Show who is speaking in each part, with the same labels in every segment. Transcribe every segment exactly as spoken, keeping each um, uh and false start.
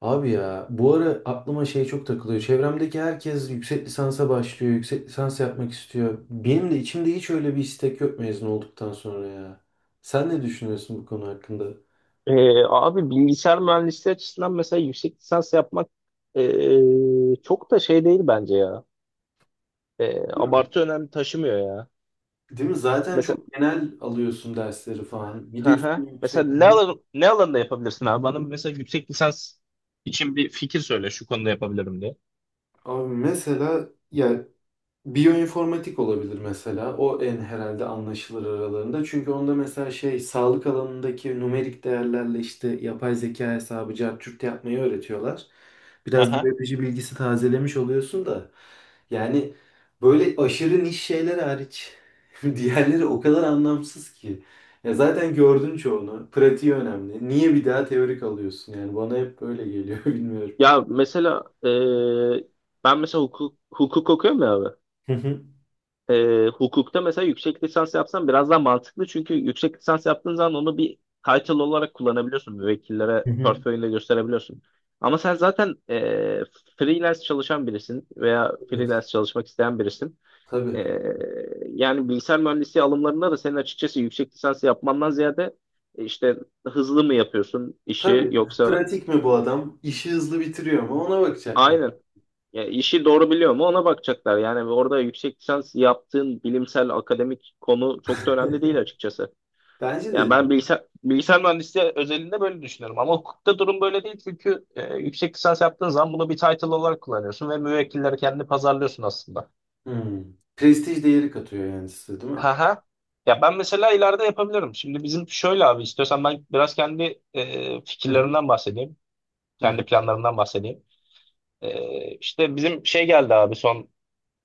Speaker 1: Abi ya bu ara aklıma şey çok takılıyor. Çevremdeki herkes yüksek lisansa başlıyor, yüksek lisans yapmak istiyor. Benim de içimde hiç öyle bir istek yok mezun olduktan sonra ya. Sen ne düşünüyorsun bu konu hakkında?
Speaker 2: Ee, abi bilgisayar mühendisliği açısından mesela yüksek lisans yapmak ee, çok da şey değil bence ya. Ee,
Speaker 1: Değil mi?
Speaker 2: abartı önemli taşımıyor ya.
Speaker 1: Değil mi? Zaten
Speaker 2: Mesela
Speaker 1: çok genel alıyorsun dersleri falan. Bir de
Speaker 2: hı hı.
Speaker 1: üstüne yüksek.
Speaker 2: mesela ne alan, ne alanda yapabilirsin abi? Bana mesela yüksek lisans için bir fikir söyle şu konuda yapabilirim diye.
Speaker 1: Abi mesela ya biyoinformatik olabilir mesela. O en herhalde anlaşılır aralarında. Çünkü onda mesela şey sağlık alanındaki numerik değerlerle işte yapay zeka hesabı cart yapmayı öğretiyorlar.
Speaker 2: Hı
Speaker 1: Biraz
Speaker 2: hı.
Speaker 1: biyoloji bilgisi tazelemiş oluyorsun da. Yani böyle aşırı niş şeyler hariç diğerleri o kadar anlamsız ki. Ya zaten gördün çoğunu. Pratiği önemli. Niye bir daha teorik alıyorsun? Yani bana hep böyle geliyor, bilmiyorum.
Speaker 2: Ya mesela ee, ben mesela hukuk, hukuk okuyorum ya abi.
Speaker 1: Hı hı.
Speaker 2: E, hukukta mesela yüksek lisans yapsan biraz daha mantıklı. Çünkü yüksek lisans yaptığın zaman onu bir title olarak kullanabiliyorsun. Müvekkillere
Speaker 1: Hı hı.
Speaker 2: portföyünde gösterebiliyorsun. Ama sen zaten e, freelance çalışan birisin veya
Speaker 1: Evet,
Speaker 2: freelance çalışmak isteyen birisin. E,
Speaker 1: tabii.
Speaker 2: Yani bilgisayar mühendisliği alımlarında da senin açıkçası yüksek lisans yapmandan ziyade e, işte hızlı mı yapıyorsun işi
Speaker 1: Tabii,
Speaker 2: yoksa
Speaker 1: pratik mi bu adam? İşi hızlı bitiriyor mu? Ona bakacaklar.
Speaker 2: aynen. Ya işi doğru biliyor mu ona bakacaklar. Yani orada yüksek lisans yaptığın bilimsel akademik konu çok da önemli değil açıkçası.
Speaker 1: Bence
Speaker 2: Yani
Speaker 1: de
Speaker 2: ben
Speaker 1: değil.
Speaker 2: bilgisayar, bilgisayar mühendisliği özelinde böyle düşünüyorum. Ama hukukta durum böyle değil çünkü e, yüksek lisans yaptığın zaman bunu bir title olarak kullanıyorsun ve müvekkilleri kendini pazarlıyorsun aslında.
Speaker 1: Hmm. Prestij değeri katıyor yani size, değil mi?
Speaker 2: Ha ha. Ya ben mesela ileride yapabilirim. Şimdi bizim şöyle abi istiyorsan ben biraz kendi e,
Speaker 1: Hı hı.
Speaker 2: fikirlerimden bahsedeyim.
Speaker 1: Hı
Speaker 2: Kendi
Speaker 1: hı.
Speaker 2: planlarımdan bahsedeyim. E, işte bizim şey geldi abi son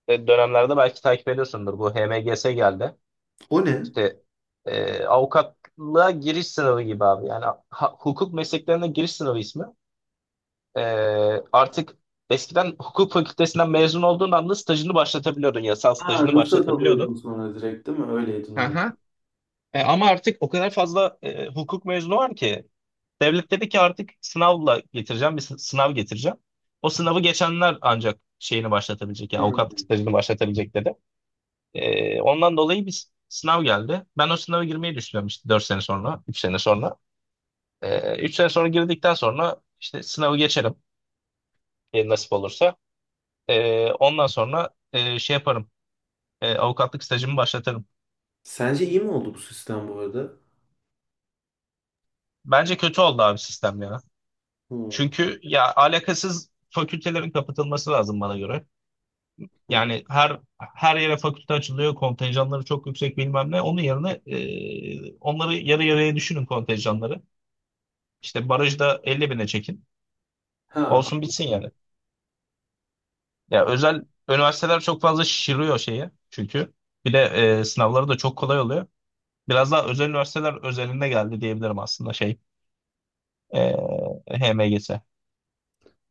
Speaker 2: e, dönemlerde belki takip ediyorsundur. Bu H M G S geldi.
Speaker 1: O ne?
Speaker 2: İşte e, avukatlığa giriş sınavı gibi abi. Yani ha- hukuk mesleklerine giriş sınavı ismi. E, artık eskiden hukuk fakültesinden mezun olduğun anda stajını başlatabiliyordun. Yasal
Speaker 1: Ha,
Speaker 2: stajını
Speaker 1: ruhsat alıyordun
Speaker 2: başlatabiliyordun.
Speaker 1: sonra direkt değil mi? Öyleydi normal.
Speaker 2: Aha. E, ama artık o kadar fazla e, hukuk mezunu var ki devlet dedi ki artık sınavla getireceğim bir sı- sınav getireceğim. O sınavı geçenler ancak şeyini başlatabilecek yani
Speaker 1: Hmm.
Speaker 2: avukatlık stajını başlatabilecek dedi. Ee, ondan dolayı bir sınav geldi. Ben o sınava girmeyi düşünüyorum işte dört sene sonra, üç sene sonra. Ee, üç sene sonra girdikten sonra işte sınavı geçerim e, nasip olursa. Ee, ondan sonra e, şey yaparım, e, avukatlık stajımı başlatırım.
Speaker 1: Sence iyi mi oldu bu sistem bu arada?
Speaker 2: Bence kötü oldu abi sistem ya.
Speaker 1: Hmm.
Speaker 2: Çünkü ya alakasız fakültelerin kapatılması lazım bana göre.
Speaker 1: Hı hı.
Speaker 2: Yani her her yere fakülte açılıyor, kontenjanları çok yüksek bilmem ne. Onun yerine e, onları yarı yarıya düşünün kontenjanları. İşte barajda elli bine çekin.
Speaker 1: Ha,
Speaker 2: Olsun bitsin yani.
Speaker 1: anladım.
Speaker 2: Ya
Speaker 1: Anladım.
Speaker 2: özel üniversiteler çok fazla şişiriyor şeyi çünkü. Bir de e, sınavları da çok kolay oluyor. Biraz daha özel üniversiteler özelinde geldi diyebilirim aslında şey e, H M G S.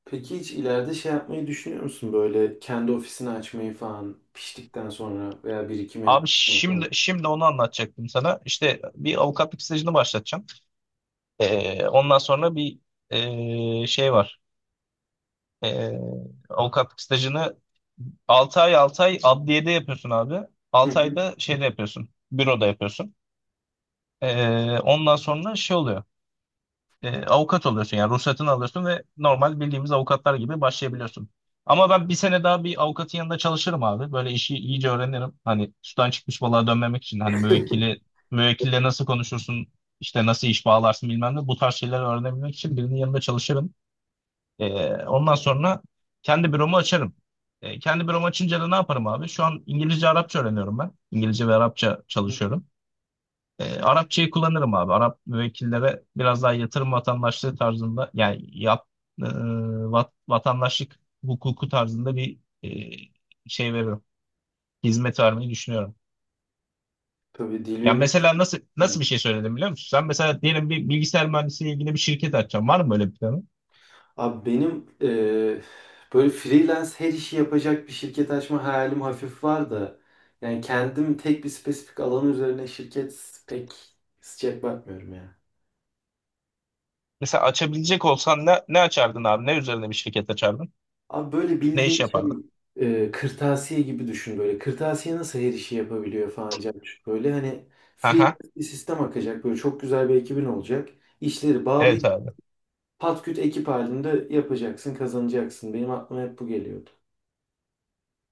Speaker 1: Peki hiç ileride şey yapmayı düşünüyor musun? Böyle kendi ofisini açmayı falan piştikten sonra veya birikim
Speaker 2: Abi
Speaker 1: yaptıktan sonra.
Speaker 2: şimdi şimdi onu anlatacaktım sana. İşte bir avukatlık stajını başlatacağım. E, ondan sonra bir e, şey var. E, Avukatlık stajını altı ay altı ay adliyede yapıyorsun abi.
Speaker 1: Hı
Speaker 2: altı
Speaker 1: hı.
Speaker 2: ayda şeyde yapıyorsun. Büroda yapıyorsun. E, ondan sonra şey oluyor. E, avukat oluyorsun yani ruhsatını alıyorsun ve normal bildiğimiz avukatlar gibi başlayabiliyorsun. Ama ben bir sene daha bir avukatın yanında çalışırım abi. Böyle işi iyice öğrenirim. Hani sudan çıkmış balığa dönmemek için hani müvekkili müvekkille nasıl konuşursun, işte nasıl iş bağlarsın bilmem ne bu tarz şeyleri öğrenebilmek için birinin yanında çalışırım. E, ondan sonra kendi büromu açarım. E, kendi büromu açınca da ne yaparım abi? Şu an İngilizce, Arapça öğreniyorum ben. İngilizce ve Arapça çalışıyorum. E, Arapçayı kullanırım abi. Arap müvekkillere biraz daha yatırım vatandaşlığı tarzında yani yap, e, vat- vatandaşlık hukuku tarzında bir e, şey veririm. Hizmet vermeyi düşünüyorum.
Speaker 1: Tabii, dil
Speaker 2: Yani
Speaker 1: bilmez.
Speaker 2: mesela nasıl nasıl bir şey söyledim biliyor musun? Sen mesela diyelim bir bilgisayar mühendisliğiyle ilgili bir şirket açacaksın. Var mı böyle bir planın?
Speaker 1: Abi benim eee, böyle freelance her işi yapacak bir şirket açma hayalim hafif var da yani kendim tek bir spesifik alan üzerine şirket pek sıcak bakmıyorum ya.
Speaker 2: Mesela açabilecek olsan ne, ne açardın abi? Ne üzerine bir şirket açardın?
Speaker 1: Abi böyle
Speaker 2: Ne iş
Speaker 1: bildiğin
Speaker 2: yapardın?
Speaker 1: şey eee, kırtasiye gibi düşün böyle. Kırtasiye nasıl her işi yapabiliyor falan Cemşit? Böyle hani
Speaker 2: Aha.
Speaker 1: freelance bir sistem akacak, böyle çok güzel bir ekibin olacak. İşleri bağlı
Speaker 2: Evet abi.
Speaker 1: patküt ekip halinde yapacaksın, kazanacaksın. Benim aklıma hep bu geliyordu.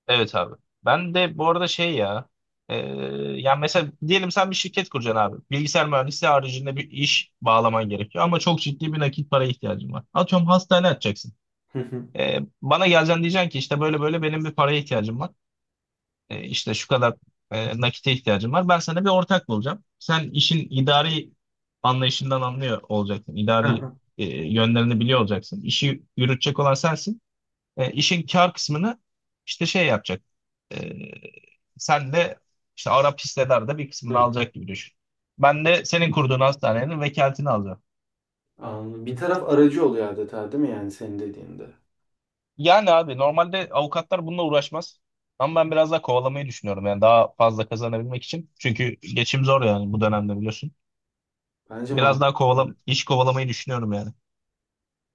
Speaker 2: Evet abi. Ben de bu arada şey ya e, yani mesela diyelim sen bir şirket kuracaksın abi. Bilgisayar mühendisliği haricinde bir iş bağlaman gerekiyor ama çok ciddi bir nakit paraya ihtiyacın var. Atıyorum hastane açacaksın.
Speaker 1: Hı hı.
Speaker 2: E, bana geleceksin diyeceksin ki işte böyle böyle benim bir paraya ihtiyacım var. E, işte şu kadar e, nakite ihtiyacım var. Ben sana bir ortak bulacağım. Sen işin idari anlayışından anlıyor olacaksın.
Speaker 1: Hı
Speaker 2: İdari
Speaker 1: hı.
Speaker 2: e, yönlerini biliyor olacaksın. İşi yürütecek olan sensin. E, işin kar kısmını işte şey yapacak. E, Sen de işte Arap hissedar bir
Speaker 1: Hı
Speaker 2: kısmını
Speaker 1: hı.
Speaker 2: alacak gibi düşün. Ben de senin kurduğun hastanenin vekaletini alacağım.
Speaker 1: Anladım. Bir taraf aracı oluyor adeta, değil mi yani senin dediğinde?
Speaker 2: Yani abi normalde avukatlar bununla uğraşmaz. Ama ben biraz daha kovalamayı düşünüyorum yani daha fazla kazanabilmek için. Çünkü geçim zor yani bu dönemde biliyorsun.
Speaker 1: Bence
Speaker 2: Biraz daha
Speaker 1: mantıklı.
Speaker 2: kovalam iş kovalamayı düşünüyorum yani.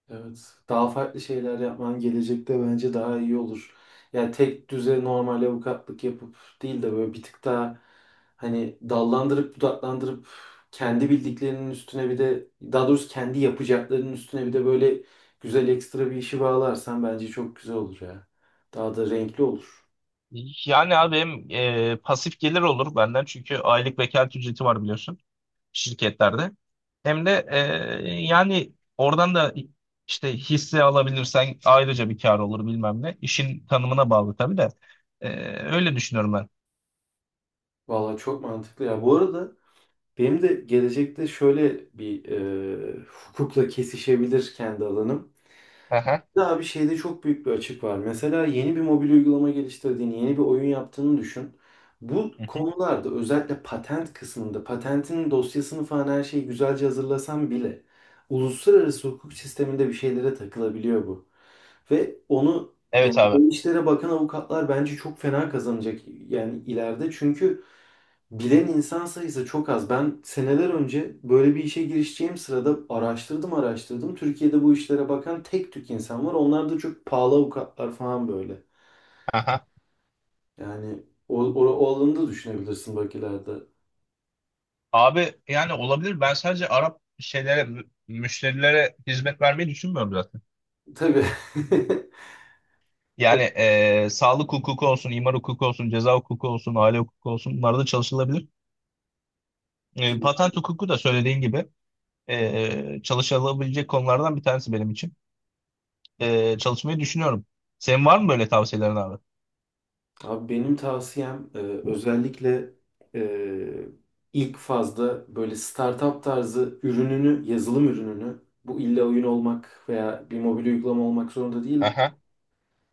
Speaker 1: Evet. Daha farklı şeyler yapman gelecekte bence daha iyi olur. Yani tek düze normal avukatlık yapıp değil de böyle bir tık daha hani dallandırıp budaklandırıp kendi bildiklerinin üstüne bir de, daha doğrusu kendi yapacaklarının üstüne bir de böyle güzel ekstra bir işi bağlarsan bence çok güzel olur ya. Daha da renkli olur.
Speaker 2: Yani abi hem e, pasif gelir olur benden çünkü aylık vekalet ücreti var biliyorsun. Şirketlerde. Hem de e, yani oradan da işte hisse alabilirsen ayrıca bir kar olur bilmem ne. İşin tanımına bağlı tabii de. E, Öyle düşünüyorum ben.
Speaker 1: Valla çok mantıklı ya. Bu arada benim de gelecekte şöyle bir e, hukukla kesişebilir kendi alanım.
Speaker 2: Aha.
Speaker 1: Daha bir şeyde çok büyük bir açık var. Mesela yeni bir mobil uygulama geliştirdiğini, yeni bir oyun yaptığını düşün. Bu
Speaker 2: Hı hı.
Speaker 1: konularda özellikle patent kısmında, patentin dosyasını falan her şeyi güzelce hazırlasan bile uluslararası hukuk sisteminde bir şeylere takılabiliyor bu. Ve onu
Speaker 2: Evet
Speaker 1: yani
Speaker 2: abi.
Speaker 1: o işlere bakan avukatlar bence çok fena kazanacak yani ileride. Çünkü bilen insan sayısı çok az. Ben seneler önce böyle bir işe girişeceğim sırada araştırdım araştırdım. Türkiye'de bu işlere bakan tek tük insan var. Onlar da çok pahalı avukatlar falan böyle.
Speaker 2: Aha.
Speaker 1: Yani o, o, o alanı da düşünebilirsin bak ileride.
Speaker 2: Abi yani olabilir. Ben sadece Arap şeylere, mü- müşterilere hizmet vermeyi düşünmüyorum zaten.
Speaker 1: Tabii.
Speaker 2: Yani e, sağlık hukuku olsun, imar hukuku olsun, ceza hukuku olsun, aile hukuku olsun bunlarda çalışılabilir. E, patent hukuku da söylediğin gibi e, çalışılabilecek konulardan bir tanesi benim için. E, çalışmayı düşünüyorum. Senin var mı böyle tavsiyelerin abi?
Speaker 1: Abi benim tavsiyem e, özellikle e, ilk fazda böyle startup tarzı ürününü, yazılım ürününü, bu illa oyun olmak veya bir mobil uygulama olmak zorunda değil.
Speaker 2: Aha.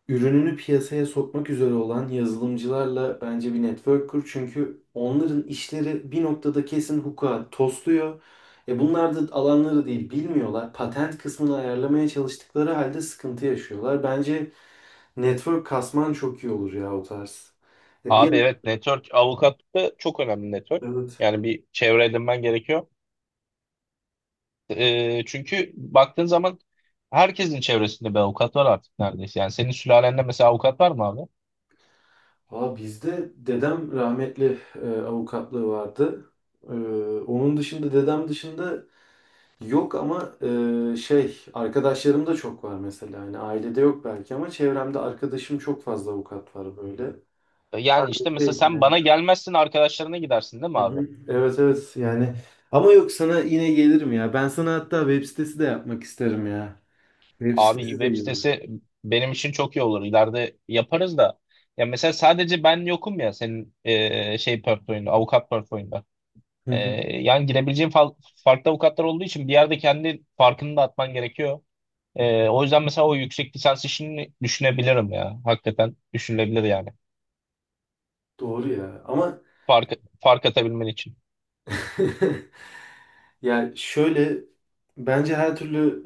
Speaker 1: Ürününü piyasaya sokmak üzere olan yazılımcılarla bence bir network kur. Çünkü onların işleri bir noktada kesin hukuka tosluyor. E bunlar da alanları değil, bilmiyorlar. Patent kısmını ayarlamaya çalıştıkları halde sıkıntı yaşıyorlar. Bence network kasman çok iyi olur ya o tarz. E bir
Speaker 2: Abi evet network avukatlıkta çok önemli network.
Speaker 1: evet.
Speaker 2: Yani bir çevre edinmen gerekiyor. Ee, çünkü baktığın zaman herkesin çevresinde bir avukat var artık neredeyse. Yani senin sülalende mesela avukat var mı abi?
Speaker 1: Aa, bizde dedem rahmetli e, avukatlığı vardı. E, onun dışında, dedem dışında yok ama e, şey arkadaşlarım da çok var mesela. Yani ailede yok belki ama çevremde arkadaşım çok fazla avukat var böyle.
Speaker 2: Ee, Yani işte mesela
Speaker 1: Şey,
Speaker 2: sen
Speaker 1: yani.
Speaker 2: bana gelmezsin arkadaşlarına gidersin değil mi
Speaker 1: Hı
Speaker 2: abi?
Speaker 1: hı. Evet evet yani ama yok, sana yine gelirim ya. Ben sana hatta web sitesi de yapmak isterim ya. Web
Speaker 2: Abi
Speaker 1: sitesi de
Speaker 2: web
Speaker 1: iyi olur.
Speaker 2: sitesi benim için çok iyi olur. İleride yaparız da. Ya mesela sadece ben yokum ya senin ee, şey portföyünde, avukat portföyünde.
Speaker 1: Hı
Speaker 2: Ee,
Speaker 1: hı.
Speaker 2: Yani girebileceğin fa- farklı avukatlar olduğu için bir yerde kendi farkını da atman gerekiyor. Ee, o yüzden mesela o yüksek lisans işini düşünebilirim ya. Hakikaten düşünülebilir yani.
Speaker 1: Doğru ya ama
Speaker 2: Fark, fark atabilmen için.
Speaker 1: ya şöyle bence her türlü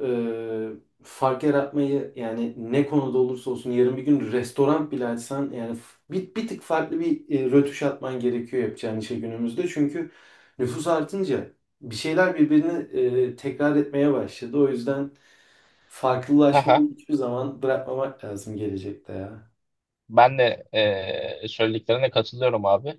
Speaker 1: e, fark yaratmayı, yani ne konuda olursa olsun yarın bir gün restoran bile açsan, yani f- bir, bir tık farklı bir e, rötuş atman gerekiyor yapacağın işe günümüzde. Çünkü nüfus artınca bir şeyler birbirini e, tekrar etmeye başladı. O yüzden
Speaker 2: Haha.
Speaker 1: farklılaşmayı hiçbir zaman bırakmamak lazım gelecekte ya.
Speaker 2: Ben de e, söylediklerine katılıyorum abi.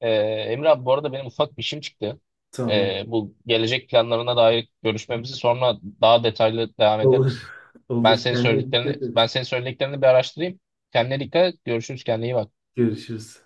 Speaker 2: E, Emre abi bu arada benim ufak bir işim çıktı.
Speaker 1: Tamam.
Speaker 2: E, bu gelecek planlarına dair görüşmemizi sonra daha detaylı devam
Speaker 1: Olur.
Speaker 2: ederiz. Ben
Speaker 1: Olur.
Speaker 2: senin
Speaker 1: Kendine
Speaker 2: söylediklerini
Speaker 1: dikkat
Speaker 2: ben
Speaker 1: et.
Speaker 2: senin söylediklerini bir araştırayım. Kendine dikkat et. Görüşürüz. Kendine iyi bak.
Speaker 1: Görüşürüz.